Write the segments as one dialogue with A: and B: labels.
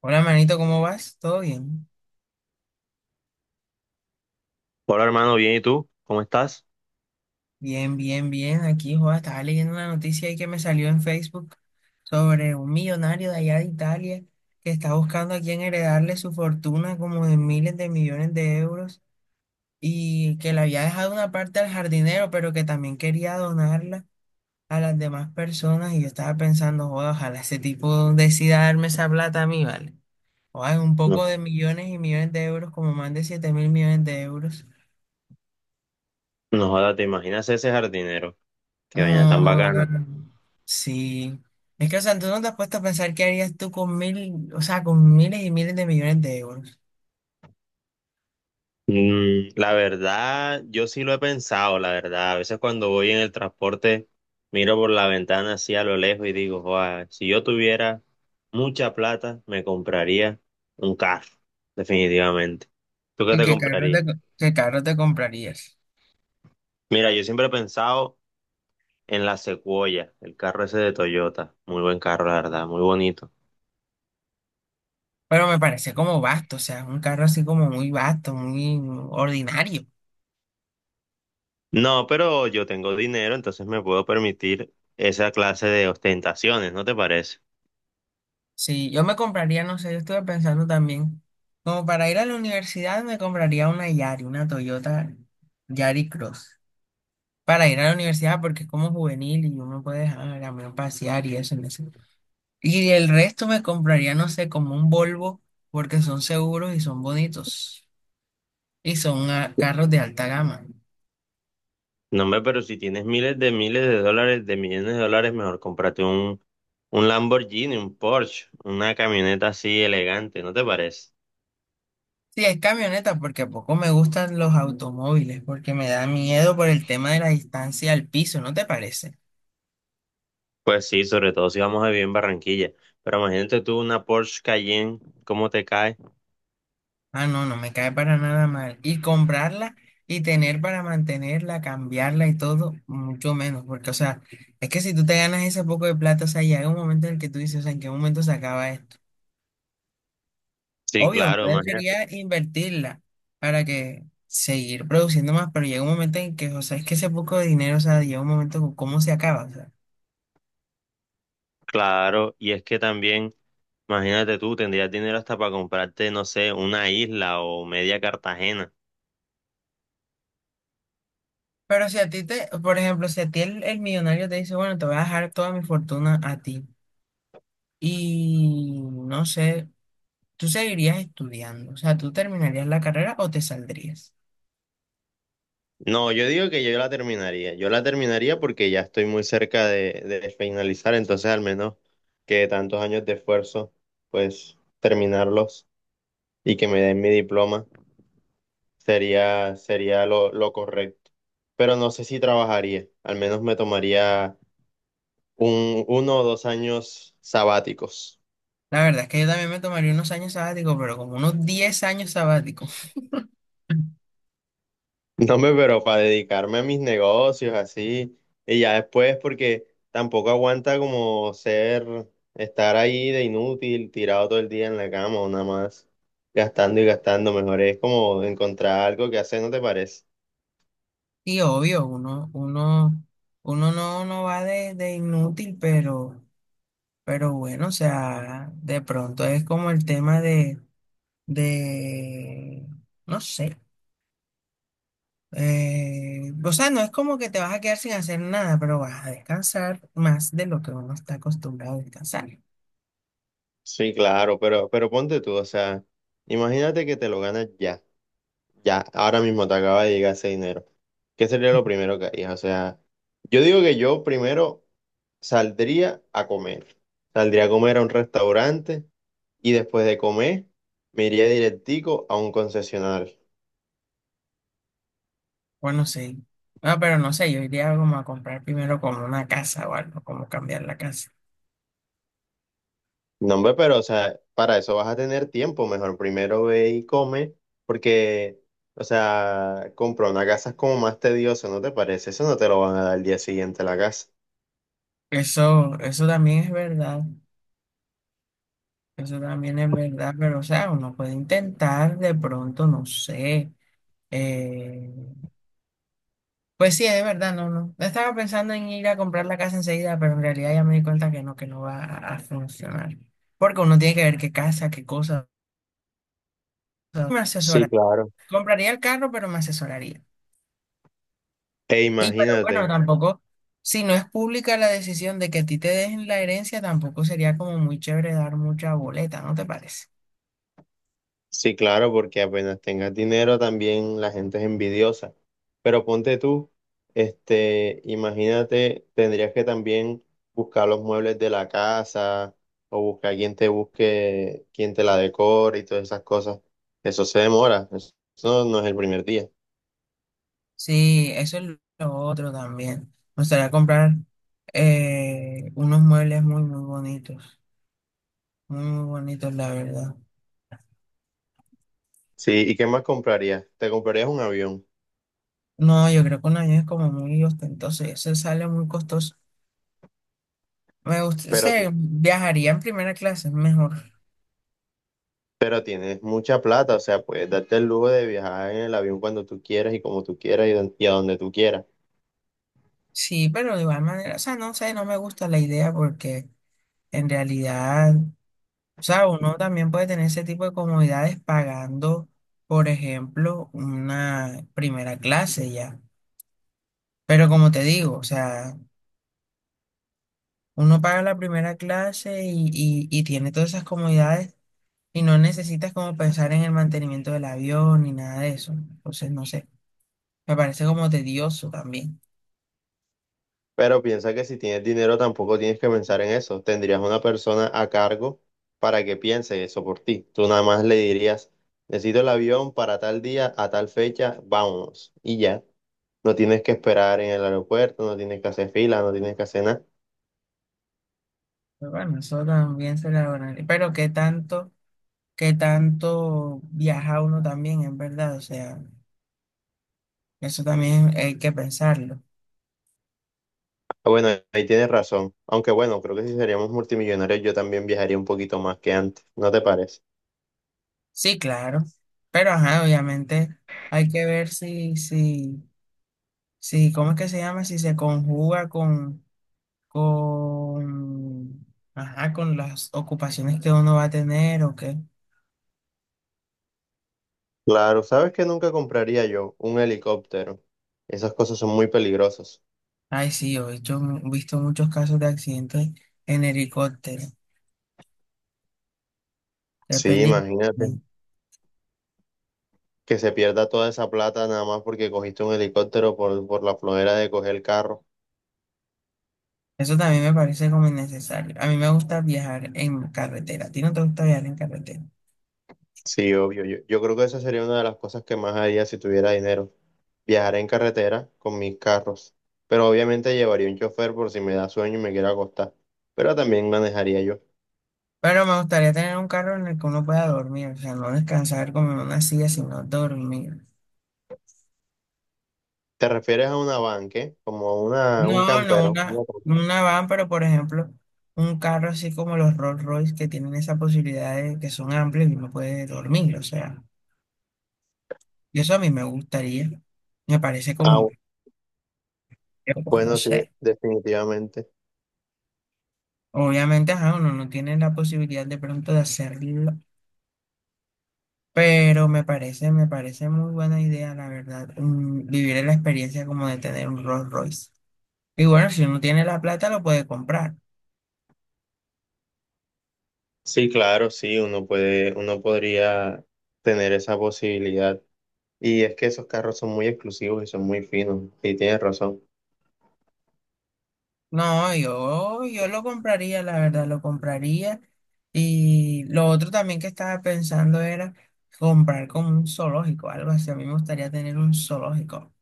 A: Hola, manito, ¿cómo vas? ¿Todo bien?
B: Hola hermano, bien, ¿y tú? ¿Cómo estás?
A: Bien, bien, bien. Aquí, joda, estaba leyendo una noticia ahí que me salió en Facebook sobre un millonario de allá de Italia que está buscando a quien heredarle su fortuna como de miles de millones de euros y que le había dejado una parte al jardinero, pero que también quería donarla a las demás personas. Y yo estaba pensando, joda, ojalá ese tipo decida darme esa plata a mí, ¿vale? Joda, es un
B: No,
A: poco de millones y millones de euros, como más de 7000 millones de euros.
B: no jodas, ¿te imaginas ese jardinero? Qué vaina tan bacana.
A: Ah, sí. Es que, o sea, tú no te has puesto a pensar qué harías tú con mil, o sea, con miles y miles de millones de euros.
B: Mm, la verdad, yo sí lo he pensado, la verdad. A veces cuando voy en el transporte, miro por la ventana así a lo lejos y digo, "Joa, si yo tuviera mucha plata, me compraría un carro, definitivamente. ¿Tú qué
A: Y
B: te
A: qué carro
B: comprarías?
A: qué carro te comprarías.
B: Mira, yo siempre he pensado en la Sequoia, el carro ese de Toyota. Muy buen carro, la verdad, muy bonito.
A: Pero me parece como vasto, o sea, un carro así como muy vasto, muy ordinario.
B: No, pero yo tengo dinero, entonces me puedo permitir esa clase de ostentaciones, ¿no te parece?
A: Sí, yo me compraría, no sé, yo estuve pensando también, como para ir a la universidad me compraría una Yari, una Toyota Yari Cross, para ir a la universidad porque es como juvenil y uno puede dejar a la camión pasear y eso. Y el resto me compraría, no sé, como un Volvo, porque son seguros y son bonitos. Y son carros de alta gama.
B: No, hombre, pero si tienes miles de dólares, de millones de dólares, mejor cómprate un Lamborghini, un Porsche, una camioneta así elegante, ¿no te parece?
A: Sí, es camioneta, porque poco me gustan los automóviles, porque me da miedo por el tema de la distancia al piso, ¿no te parece?
B: Pues sí, sobre todo si vamos a vivir en Barranquilla. Pero imagínate tú una Porsche Cayenne, ¿cómo te cae?
A: Ah, no, no me cae para nada mal. Y comprarla y tener para mantenerla, cambiarla y todo, mucho menos, porque, o sea, es que si tú te ganas ese poco de plata, o sea, llega un momento en el que tú dices, o sea, ¿en qué momento se acaba esto?
B: Sí,
A: Obvio, uno
B: claro, imagínate.
A: debería invertirla para que seguir produciendo más, pero llega un momento en que, o sea, es que ese poco de dinero, o sea, llega un momento con cómo se acaba, o sea.
B: Claro, y es que también, imagínate tú, tendrías dinero hasta para comprarte, no sé, una isla o media Cartagena.
A: Pero si a ti te, por ejemplo, si a ti el millonario te dice, bueno, te voy a dejar toda mi fortuna a ti y no sé, tú seguirías estudiando, o sea, tú terminarías la carrera o te saldrías.
B: No, yo digo que yo la terminaría. Yo la terminaría porque ya estoy muy cerca de finalizar, entonces al menos que tantos años de esfuerzo, pues terminarlos y que me den mi diploma sería, sería lo correcto. Pero no sé si trabajaría, al menos me tomaría un, uno o dos años sabáticos.
A: La verdad es que yo también me tomaría unos años sabáticos, pero como unos 10 años sabáticos.
B: No me, pero para dedicarme a mis negocios así. Y ya después, porque tampoco aguanta como ser, estar ahí de inútil, tirado todo el día en la cama o nada más, gastando y gastando. Mejor es como encontrar algo que hacer, ¿no te parece?
A: Sí, obvio, uno no, no va de inútil, pero... Pero bueno, o sea, de pronto es como el tema de, no sé, o sea, no es como que te vas a quedar sin hacer nada, pero vas a descansar más de lo que uno está acostumbrado a descansar.
B: Sí, claro, pero ponte tú, o sea, imagínate que te lo ganas ya, ya, ahora mismo te acaba de llegar ese dinero. ¿Qué sería lo primero que harías? O sea, yo digo que yo primero saldría a comer. Saldría a comer a un restaurante y después de comer me iría directico a un concesionario.
A: Bueno, sí. Ah, pero no sé, yo iría como a comprar primero como una casa o algo, como cambiar la casa.
B: No, hombre, pero o sea, para eso vas a tener tiempo, mejor primero ve y come, porque, o sea, comprar una casa es como más tedioso, ¿no te parece? Eso no te lo van a dar el día siguiente a la casa.
A: Eso también es verdad, eso también es verdad, pero o sea, uno puede intentar de pronto, no sé. eh, Pues sí, es verdad, no, no. No estaba pensando en ir a comprar la casa enseguida, pero en realidad ya me di cuenta que no va a funcionar. Porque uno tiene que ver qué casa, qué cosa. Me
B: Sí,
A: asesora.
B: claro.
A: Compraría el carro, pero me asesoraría.
B: E
A: Y pero bueno,
B: imagínate.
A: tampoco, si no es pública la decisión de que a ti te dejen la herencia, tampoco sería como muy chévere dar mucha boleta, ¿no te parece?
B: Sí, claro, porque apenas tengas dinero también la gente es envidiosa. Pero ponte tú, este, imagínate, tendrías que también buscar los muebles de la casa o buscar quien te busque, quien te la decore y todas esas cosas. Eso se demora, eso no es el primer día.
A: Sí, eso es lo otro también. Me gustaría comprar unos muebles muy, muy bonitos. Muy, muy bonitos, la verdad.
B: Sí, ¿y qué más comprarías? Te comprarías un avión,
A: No, yo creo que un avión es como muy ostentoso y eso sale muy costoso. Me gusta,
B: pero,
A: se viajaría en primera clase, mejor.
B: pero tienes mucha plata, o sea, puedes darte el lujo de viajar en el avión cuando tú quieras y como tú quieras y y a donde tú quieras.
A: Sí, pero de igual manera, o sea, no sé, no me gusta la idea porque en realidad, o sea, uno también puede tener ese tipo de comodidades pagando, por ejemplo, una primera clase ya. Pero como te digo, o sea, uno paga la primera clase y tiene todas esas comodidades. Y no necesitas como pensar en el mantenimiento del avión ni nada de eso. Entonces, no sé, me parece como tedioso también.
B: Pero piensa que si tienes dinero tampoco tienes que pensar en eso. Tendrías una persona a cargo para que piense eso por ti. Tú nada más le dirías, necesito el avión para tal día, a tal fecha, vámonos. Y ya. No tienes que esperar en el aeropuerto, no tienes que hacer fila, no tienes que hacer nada.
A: Pero bueno, eso también se la van a- Pero qué tanto viaja uno también, en verdad. O sea, eso también hay que pensarlo.
B: Ah, bueno, ahí tienes razón. Aunque bueno, creo que si seríamos multimillonarios yo también viajaría un poquito más que antes. ¿No te parece?
A: Sí, claro. Pero ajá, obviamente hay que ver si, si, si, ¿cómo es que se llama? Si se conjuga con, ajá, con las ocupaciones que uno va a tener o qué.
B: Claro, ¿sabes que nunca compraría yo? Un helicóptero. Esas cosas son muy peligrosas.
A: Ay, sí, he visto muchos casos de accidentes en helicóptero, de
B: Sí,
A: película.
B: imagínate. Que se pierda toda esa plata nada más porque cogiste un helicóptero por la flojera de coger el carro.
A: Eso también me parece como innecesario. A mí me gusta viajar en carretera. A ti no te gusta viajar en carretera.
B: Sí, obvio. Yo creo que esa sería una de las cosas que más haría si tuviera dinero. Viajar en carretera con mis carros. Pero obviamente llevaría un chofer por si me da sueño y me quiero acostar. Pero también manejaría yo.
A: Pero me gustaría tener un carro en el que uno pueda dormir, o sea, no descansar como en una silla, sino dormir.
B: ¿Te refieres a una van, qué? Como una, un
A: No,
B: campero.
A: no una van, pero por ejemplo, un carro así como los Rolls Royce que tienen esa posibilidad de que son amplios y uno puede dormir, o sea, y eso a mí me gustaría. Me parece como,
B: Ah,
A: como no
B: bueno, sí,
A: sé.
B: definitivamente.
A: Obviamente, ajá, uno no tiene la posibilidad de pronto de hacerlo, pero me parece muy buena idea, la verdad, vivir la experiencia como de tener un Rolls Royce. Y bueno, si uno tiene la plata, lo puede comprar.
B: Sí, claro, sí, uno puede, uno podría tener esa posibilidad. Y es que esos carros son muy exclusivos y son muy finos. Y tienes razón.
A: No, yo lo compraría, la verdad, lo compraría. Y lo otro también que estaba pensando era comprar con un zoológico, algo así. A mí me gustaría tener un zoológico.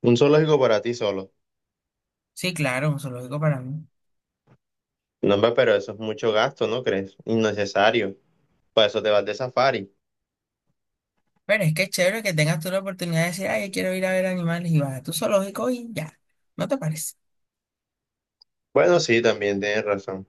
B: Un zoológico para ti solo.
A: Sí, claro, un zoológico para mí.
B: No, hombre, pero eso es mucho gasto, ¿no crees? Innecesario. Para eso te vas de safari.
A: Pero es que es chévere que tengas tú la oportunidad de decir, ay, yo quiero ir a ver animales y vas a tu zoológico y ya. ¿No te parece?
B: Bueno, sí, también tienes razón.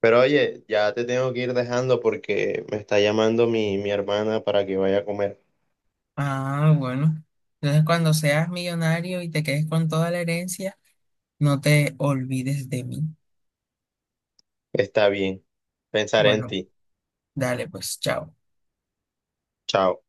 B: Pero oye, ya te tengo que ir dejando porque me está llamando mi hermana para que vaya a comer.
A: Ah, bueno. Entonces, cuando seas millonario y te quedes con toda la herencia, no te olvides de mí.
B: Está bien. Pensaré en
A: Bueno,
B: ti.
A: dale, pues, chao.
B: Chao.